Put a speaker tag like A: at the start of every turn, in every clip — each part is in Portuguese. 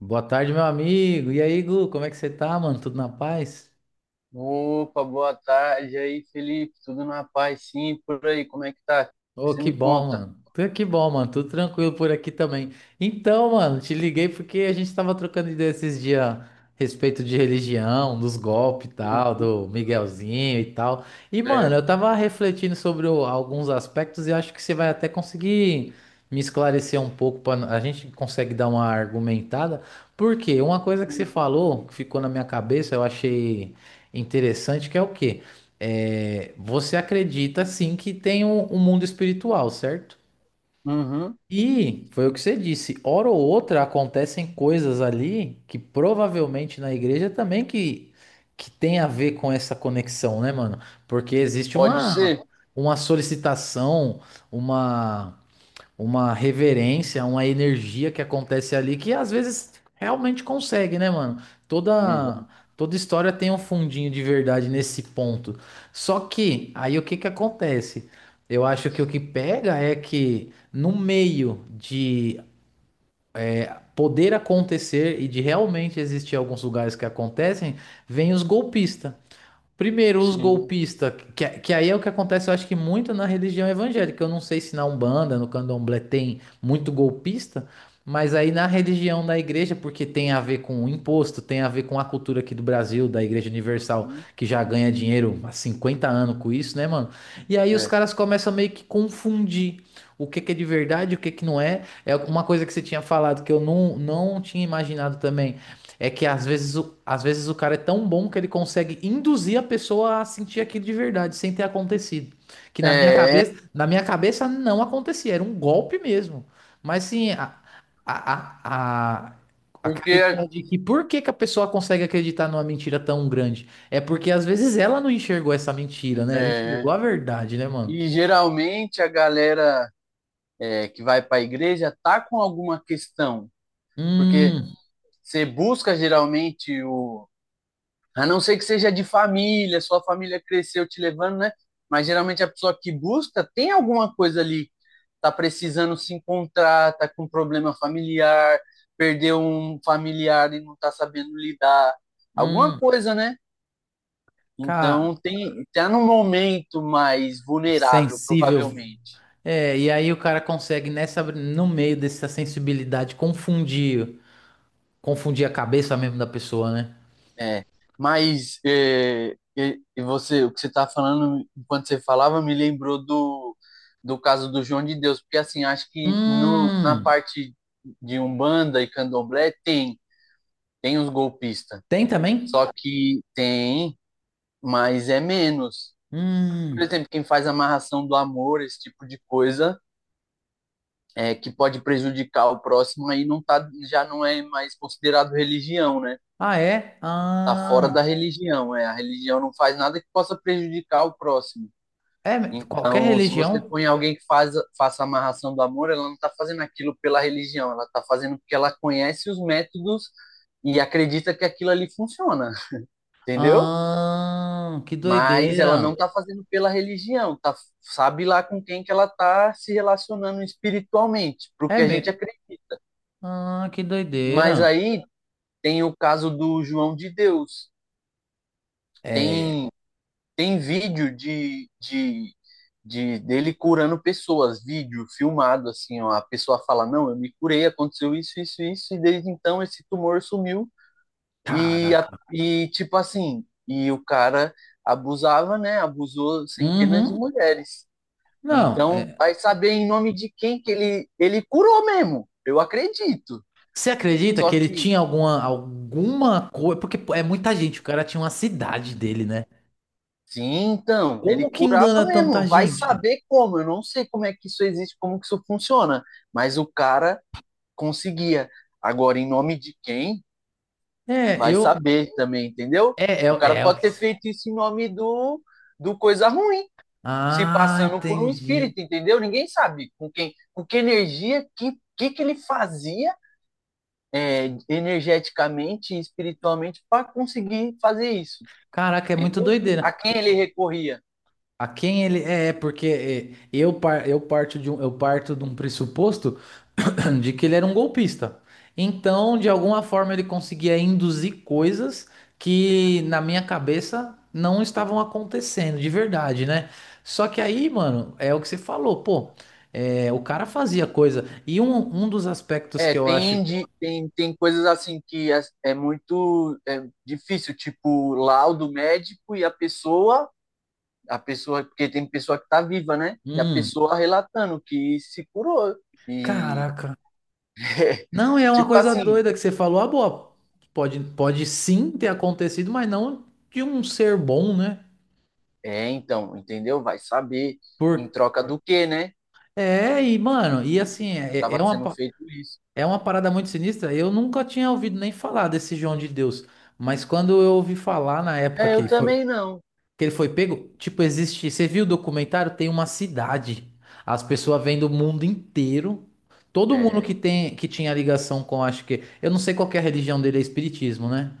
A: Boa tarde, meu amigo. E aí, Gu, como é que você tá, mano? Tudo na paz?
B: Opa, boa tarde aí, Felipe. Tudo na paz, sim, por aí. Como é que tá? O que
A: Ô,
B: você
A: que
B: me
A: bom,
B: conta?
A: mano. Que bom, mano. Tudo tranquilo por aqui também. Então, mano, te liguei porque a gente tava trocando ideia esses dias a respeito de religião, dos golpes e tal,
B: Uhum,
A: do Miguelzinho e tal. E, mano, eu
B: certo.
A: tava refletindo sobre alguns aspectos e acho que você vai até conseguir me esclarecer um pouco para a gente consegue dar uma argumentada. Porque uma coisa que você
B: Uhum.
A: falou, que ficou na minha cabeça, eu achei interessante, que é o quê? Você acredita sim que tem um mundo espiritual, certo?
B: Uhum.
A: E foi o que você disse, hora ou outra acontecem coisas ali que provavelmente na igreja também que tem a ver com essa conexão, né, mano? Porque existe
B: Pode ser.
A: uma solicitação, uma uma reverência, uma energia que acontece ali que às vezes realmente consegue, né, mano? Toda
B: Uhum.
A: Toda história tem um fundinho de verdade nesse ponto. Só que aí o que que acontece? Eu acho que o que pega é que no meio de poder acontecer e de realmente existir alguns lugares que acontecem, vem os golpistas. Primeiro, os
B: Sim.
A: golpistas, que aí é o que acontece, eu acho que muito na religião evangélica. Eu não sei se na Umbanda, no Candomblé tem muito golpista, mas aí na religião da igreja, porque tem a ver com o imposto, tem a ver com a cultura aqui do Brasil, da Igreja Universal,
B: Uhum.
A: que já ganha dinheiro há 50 anos com isso, né, mano? E aí os
B: É.
A: caras começam a meio que confundir o que que é de verdade, o que que não é. É uma coisa que você tinha falado que eu não, não tinha imaginado também. É que às vezes, às vezes o cara é tão bom que ele consegue induzir a pessoa a sentir aquilo de verdade, sem ter acontecido. Que
B: É,
A: na minha cabeça não acontecia, era um golpe mesmo. Mas sim, a, a, a- aquela
B: porque
A: ideia de que por que que a pessoa consegue acreditar numa mentira tão grande? É porque às vezes ela não enxergou essa mentira, né? Ela
B: é,
A: enxergou a verdade, né, mano?
B: e geralmente a galera que vai para a igreja tá com alguma questão, porque
A: Hum,
B: você busca geralmente o A não ser que seja de família, sua família cresceu te levando, né? Mas geralmente a pessoa que busca tem alguma coisa ali, tá precisando se encontrar, tá com problema familiar, perdeu um familiar e não tá sabendo lidar, alguma
A: hum,
B: coisa, né?
A: cara,
B: Então tem tá num momento mais vulnerável,
A: sensível.
B: provavelmente.
A: É, e aí o cara consegue nessa no meio dessa sensibilidade confundir, confundir a cabeça mesmo da pessoa, né?
B: É, e você, o que você está falando, enquanto você falava, me lembrou do caso do João de Deus, porque assim, acho que no, na
A: Hum,
B: parte de Umbanda e Candomblé tem os golpistas,
A: tem também?
B: só que tem, mas é menos. Por
A: Hum.
B: exemplo, quem faz amarração do amor, esse tipo de coisa, é, que pode prejudicar o próximo, aí não tá, já não é mais considerado religião, né?
A: Ah, é?
B: Tá fora
A: Ah,
B: da religião, é. A religião não faz nada que possa prejudicar o próximo.
A: é qualquer
B: Então, se você
A: religião?
B: põe alguém faça a amarração do amor, ela não está fazendo aquilo pela religião, ela está fazendo porque ela conhece os métodos e acredita que aquilo ali funciona, entendeu?
A: Ah, que
B: Mas ela
A: doideira.
B: não está fazendo pela religião, tá, sabe lá com quem que ela está se relacionando espiritualmente,
A: É
B: porque a gente
A: mesmo.
B: acredita.
A: Ah, que
B: Mas
A: doideira.
B: aí tem o caso do João de Deus,
A: É,
B: tem. Tem vídeo de dele curando pessoas, vídeo filmado, assim, ó, a pessoa fala, não, eu me curei, aconteceu isso, isso, isso, e desde então esse tumor sumiu. E, a-
A: caraca.
B: e tipo assim, e o cara abusava, né? Abusou centenas de
A: Uhum.
B: mulheres.
A: Não,
B: Então,
A: é,
B: vai saber em nome de quem que ele curou mesmo. Eu acredito.
A: você acredita
B: Só
A: que ele
B: que
A: tinha alguma coisa, porque pô, é muita gente, o cara tinha uma
B: né,
A: cidade dele, né?
B: sim, então, ele
A: Como que
B: curava
A: engana tanta
B: mesmo. Vai
A: gente?
B: saber como. Eu não sei como é que isso existe, como que isso funciona. Mas o cara conseguia. Agora, em nome de quem?
A: É,
B: Vai
A: eu.
B: saber também, entendeu?
A: É,
B: O
A: é,
B: cara
A: é o
B: pode
A: que.
B: ter feito isso em nome do coisa ruim, se
A: Ah,
B: passando por um
A: entendi.
B: espírito, entendeu? Ninguém sabe com quem, com que energia, que que ele fazia energeticamente e espiritualmente para conseguir fazer isso.
A: Caraca, é muito doideira.
B: A quem ele recorria?
A: A quem ele. É, é porque é, eu parto eu parto de um pressuposto de que ele era um golpista. Então, de alguma forma, ele conseguia induzir coisas que, na minha cabeça, não estavam acontecendo, de verdade, né? Só que aí, mano, é o que você falou, pô. É, o cara fazia coisa. E um dos aspectos que eu acho.
B: Tem coisas assim que é muito é difícil, tipo laudo médico e a pessoa, porque tem pessoa que tá viva, né? E a
A: Hum,
B: pessoa relatando que se curou. E
A: caraca. Não, e é uma
B: tipo
A: coisa
B: assim,
A: doida que você falou. Ah, boa. Pode sim ter acontecido, mas não de um ser bom, né?
B: é, então, entendeu? Vai saber em
A: Por...
B: troca do quê, né? Que
A: É, e, mano, e assim,
B: tava
A: é
B: sendo feito isso.
A: é uma parada muito sinistra. Eu nunca tinha ouvido nem falar desse João de Deus. Mas quando eu ouvi falar na época
B: É, eu
A: que foi.
B: também não.
A: Que ele foi pego? Tipo, existe. Você viu o documentário? Tem uma cidade. As pessoas vêm do mundo inteiro. Todo mundo
B: É,
A: que tem, que tinha ligação com, acho que. Eu não sei qual que é a religião dele, é espiritismo, né?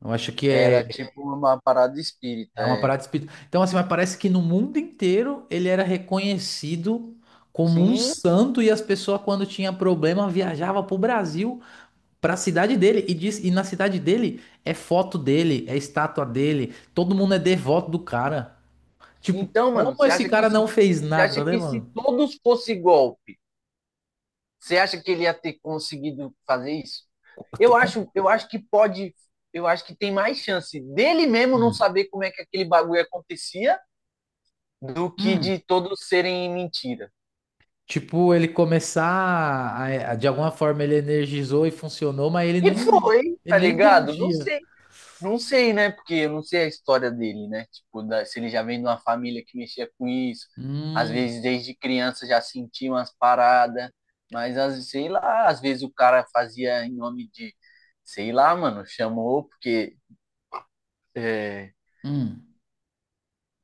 A: Eu acho que é,
B: era tipo uma parada espírita,
A: é uma
B: é.
A: parada espírita. Então, assim, mas parece que no mundo inteiro ele era reconhecido como um
B: Sim.
A: santo e as pessoas, quando tinha problema, viajavam pro Brasil, pra cidade dele. E, diz, e na cidade dele é foto dele, é estátua dele. Todo mundo é devoto do cara. Tipo,
B: Então, mano,
A: como esse cara não fez
B: você acha
A: nada, né,
B: que se
A: mano?
B: todos fosse golpe. Você acha que ele ia ter conseguido fazer isso?
A: Como-
B: Eu acho que pode, eu acho que tem mais chance dele mesmo não
A: Hum.
B: saber como é que aquele bagulho acontecia do que
A: Hum.
B: de todos serem mentira.
A: Tipo, ele começar de alguma forma ele energizou e funcionou, mas ele
B: E
A: não,
B: foi,
A: ele
B: tá
A: nem
B: ligado? Não
A: entendia.
B: sei. Não sei, né? Porque eu não sei a história dele, né? Tipo, da- se ele já vem de uma família que mexia com isso. Às
A: Hum,
B: vezes, desde criança, já sentia umas paradas. Mas, às- sei lá, às vezes o cara fazia em nome de... Sei lá, mano, chamou porque... é,
A: hum.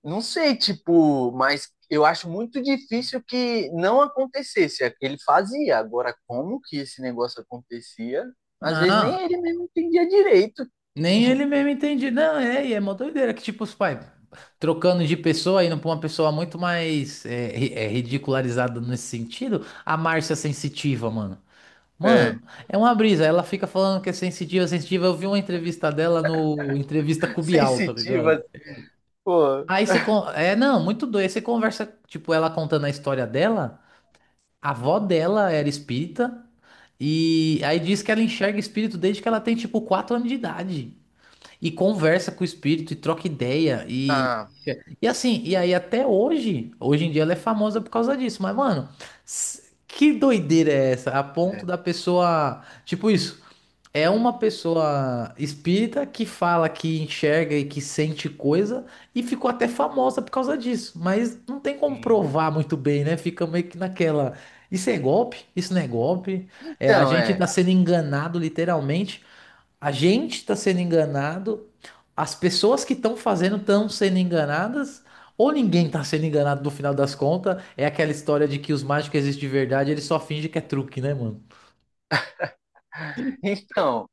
B: não sei, tipo, mas eu acho muito difícil que não acontecesse. Ele fazia. Agora, como que esse negócio acontecia? Às vezes nem
A: Não,
B: ele mesmo entendia direito.
A: nem ele mesmo entendia. Não, é, e é uma doideira que tipo os pais trocando de pessoa, indo pra uma pessoa muito mais ridicularizada nesse sentido, a Márcia é sensitiva, mano.
B: É.
A: Mano, é uma brisa. Ela fica falando que é sensitiva, sensitiva. Eu vi uma entrevista dela no Entrevista com o Bial, tá
B: Sensitiva,
A: ligado?
B: assim, pô.
A: É, não, muito doido. Aí você conversa, tipo, ela contando a história dela. A avó dela era espírita. E aí diz que ela enxerga espírito desde que ela tem, tipo, 4 anos de idade. E conversa com o espírito e troca ideia.
B: Ah,
A: E assim, e aí até hoje, hoje em dia ela é famosa por causa disso. Mas, mano, que doideira é essa? A ponto
B: é.
A: da pessoa. Tipo isso. É uma pessoa espírita que fala que enxerga e que sente coisa e ficou até famosa por causa disso, mas não tem como
B: Sim.
A: provar muito bem, né? Fica meio que naquela. Isso é golpe? Isso não é golpe? É, a
B: Então,
A: gente
B: é.
A: tá sendo enganado, literalmente. A gente tá sendo enganado, as pessoas que estão fazendo estão sendo enganadas, ou ninguém tá sendo enganado no final das contas. É aquela história de que os mágicos existem de verdade, eles só fingem que é truque, né, mano?
B: Então,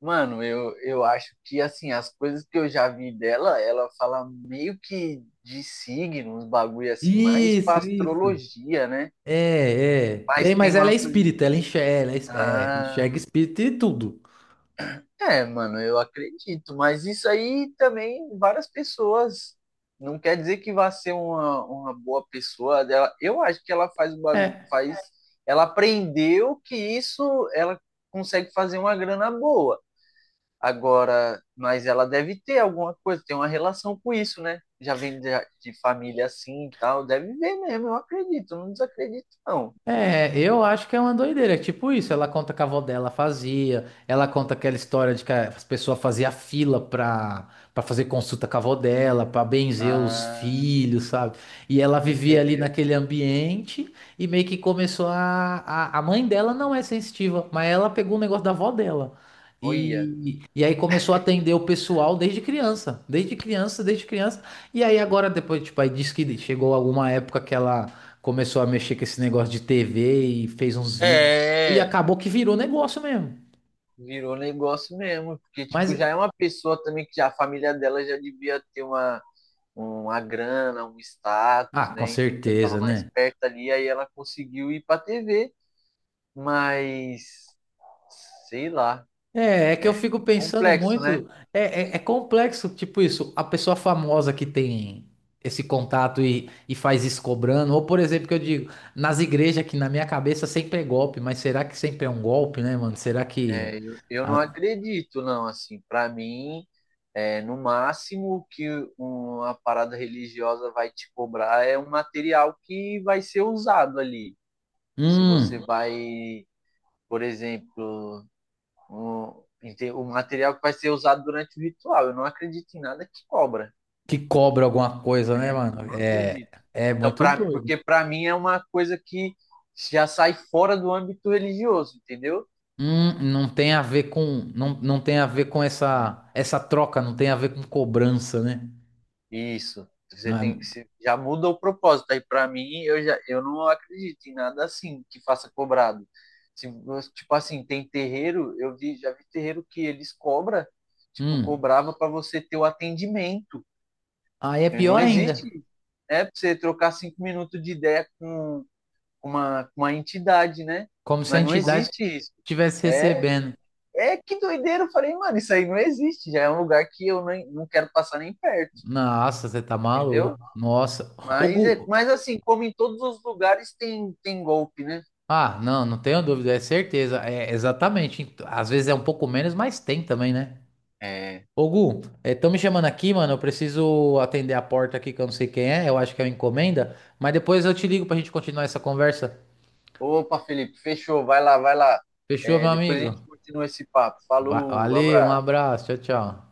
B: mano, eu acho que, assim, as coisas que eu já vi dela, ela fala meio que de signos, bagulho assim, mais
A: Isso,
B: pra
A: isso.
B: astrologia, né?
A: É, é. Tem,
B: Mas tem
A: mas ela é
B: uma coisa.
A: espírita, ela enxerga, ela
B: Ah.
A: enxerga espírito e tudo.
B: É, mano, eu acredito, mas isso aí também várias pessoas. Não quer dizer que vá ser uma boa pessoa dela. Eu acho que ela faz o bagu-
A: É.
B: faz, ela aprendeu que isso ela consegue fazer uma grana boa. Agora, mas ela deve ter alguma coisa, tem uma relação com isso, né? Já vem de família assim e tal, deve ver mesmo, eu acredito, não desacredito não.
A: É, eu acho que é uma doideira. É tipo isso, ela conta que a avó dela fazia, ela conta aquela história de que as pessoas faziam fila pra fazer consulta com a avó dela, pra benzer os
B: Ah,
A: filhos, sabe? E ela vivia ali
B: entendeu?
A: naquele ambiente e meio que começou a... A mãe dela não é sensitiva, mas ela pegou o negócio da avó dela.
B: Olha.
A: E aí começou a atender o pessoal desde criança, desde criança, desde criança. E aí agora depois, tipo, aí diz que chegou alguma época que ela começou a mexer com esse negócio de TV e fez uns vídeos. E
B: É.
A: acabou que virou negócio mesmo.
B: Virou negócio mesmo, porque
A: Mas,
B: tipo, já é uma pessoa também que já, a família dela já devia ter uma grana, um status,
A: ah, com
B: né? Então já estava
A: certeza,
B: mais
A: né?
B: perto ali, aí ela conseguiu ir para TV, mas sei lá,
A: É, é que eu
B: é
A: fico pensando
B: complexo, né?
A: muito. É complexo, tipo isso. A pessoa famosa que tem esse contato e faz isso cobrando. Ou, por exemplo, que eu digo, nas igrejas que na minha cabeça sempre é golpe, mas será que sempre é um golpe, né, mano? Será que.
B: Eu não
A: A-
B: acredito, não, assim, para mim, é, no máximo que uma parada religiosa vai te cobrar é um material que vai ser usado ali. Se você
A: Hum,
B: vai, por exemplo, o, o material que vai ser usado durante o ritual. Eu não acredito em nada que cobra.
A: que cobra alguma coisa, né,
B: É,
A: mano?
B: não
A: É,
B: acredito.
A: é
B: Então,
A: muito
B: pra,
A: doido.
B: porque para mim é uma coisa que já sai fora do âmbito religioso, entendeu?
A: Não tem a ver com, não, não tem a ver com
B: Hum.
A: essa troca, não tem a ver com cobrança, né?
B: Isso. Você
A: Não é-
B: tem que se, já muda o propósito. Aí para mim eu não acredito em nada assim que faça cobrado. Se, tipo assim, tem terreiro, já vi terreiro que eles cobram tipo
A: Hum.
B: cobrava para você ter o atendimento.
A: Aí é
B: Não
A: pior ainda,
B: existe né? Para você trocar cinco minutos de ideia com com uma entidade, né?
A: como se a
B: Mas não
A: entidade
B: existe isso.
A: estivesse
B: É,
A: recebendo.
B: é que doideira. Eu falei, mano, isso aí não existe. Já é um lugar que eu nem, não quero passar nem perto,
A: Nossa, você tá
B: entendeu?
A: maluco. Nossa. O
B: Mas, é,
A: Gu...
B: mas assim, como em todos os lugares tem, tem golpe, né?
A: Ah, não, não tenho dúvida, é certeza. É exatamente. Às vezes é um pouco menos, mas tem também, né?
B: É.
A: Ô Gu, estão me chamando aqui, mano. Eu preciso atender a porta aqui que eu não sei quem é. Eu acho que é uma encomenda. Mas depois eu te ligo pra gente continuar essa conversa.
B: Opa, Felipe, fechou. Vai lá, vai lá.
A: Fechou, meu
B: É, depois a
A: amigo?
B: gente continua esse papo. Falou,
A: Valeu, um
B: abraço.
A: abraço, tchau, tchau.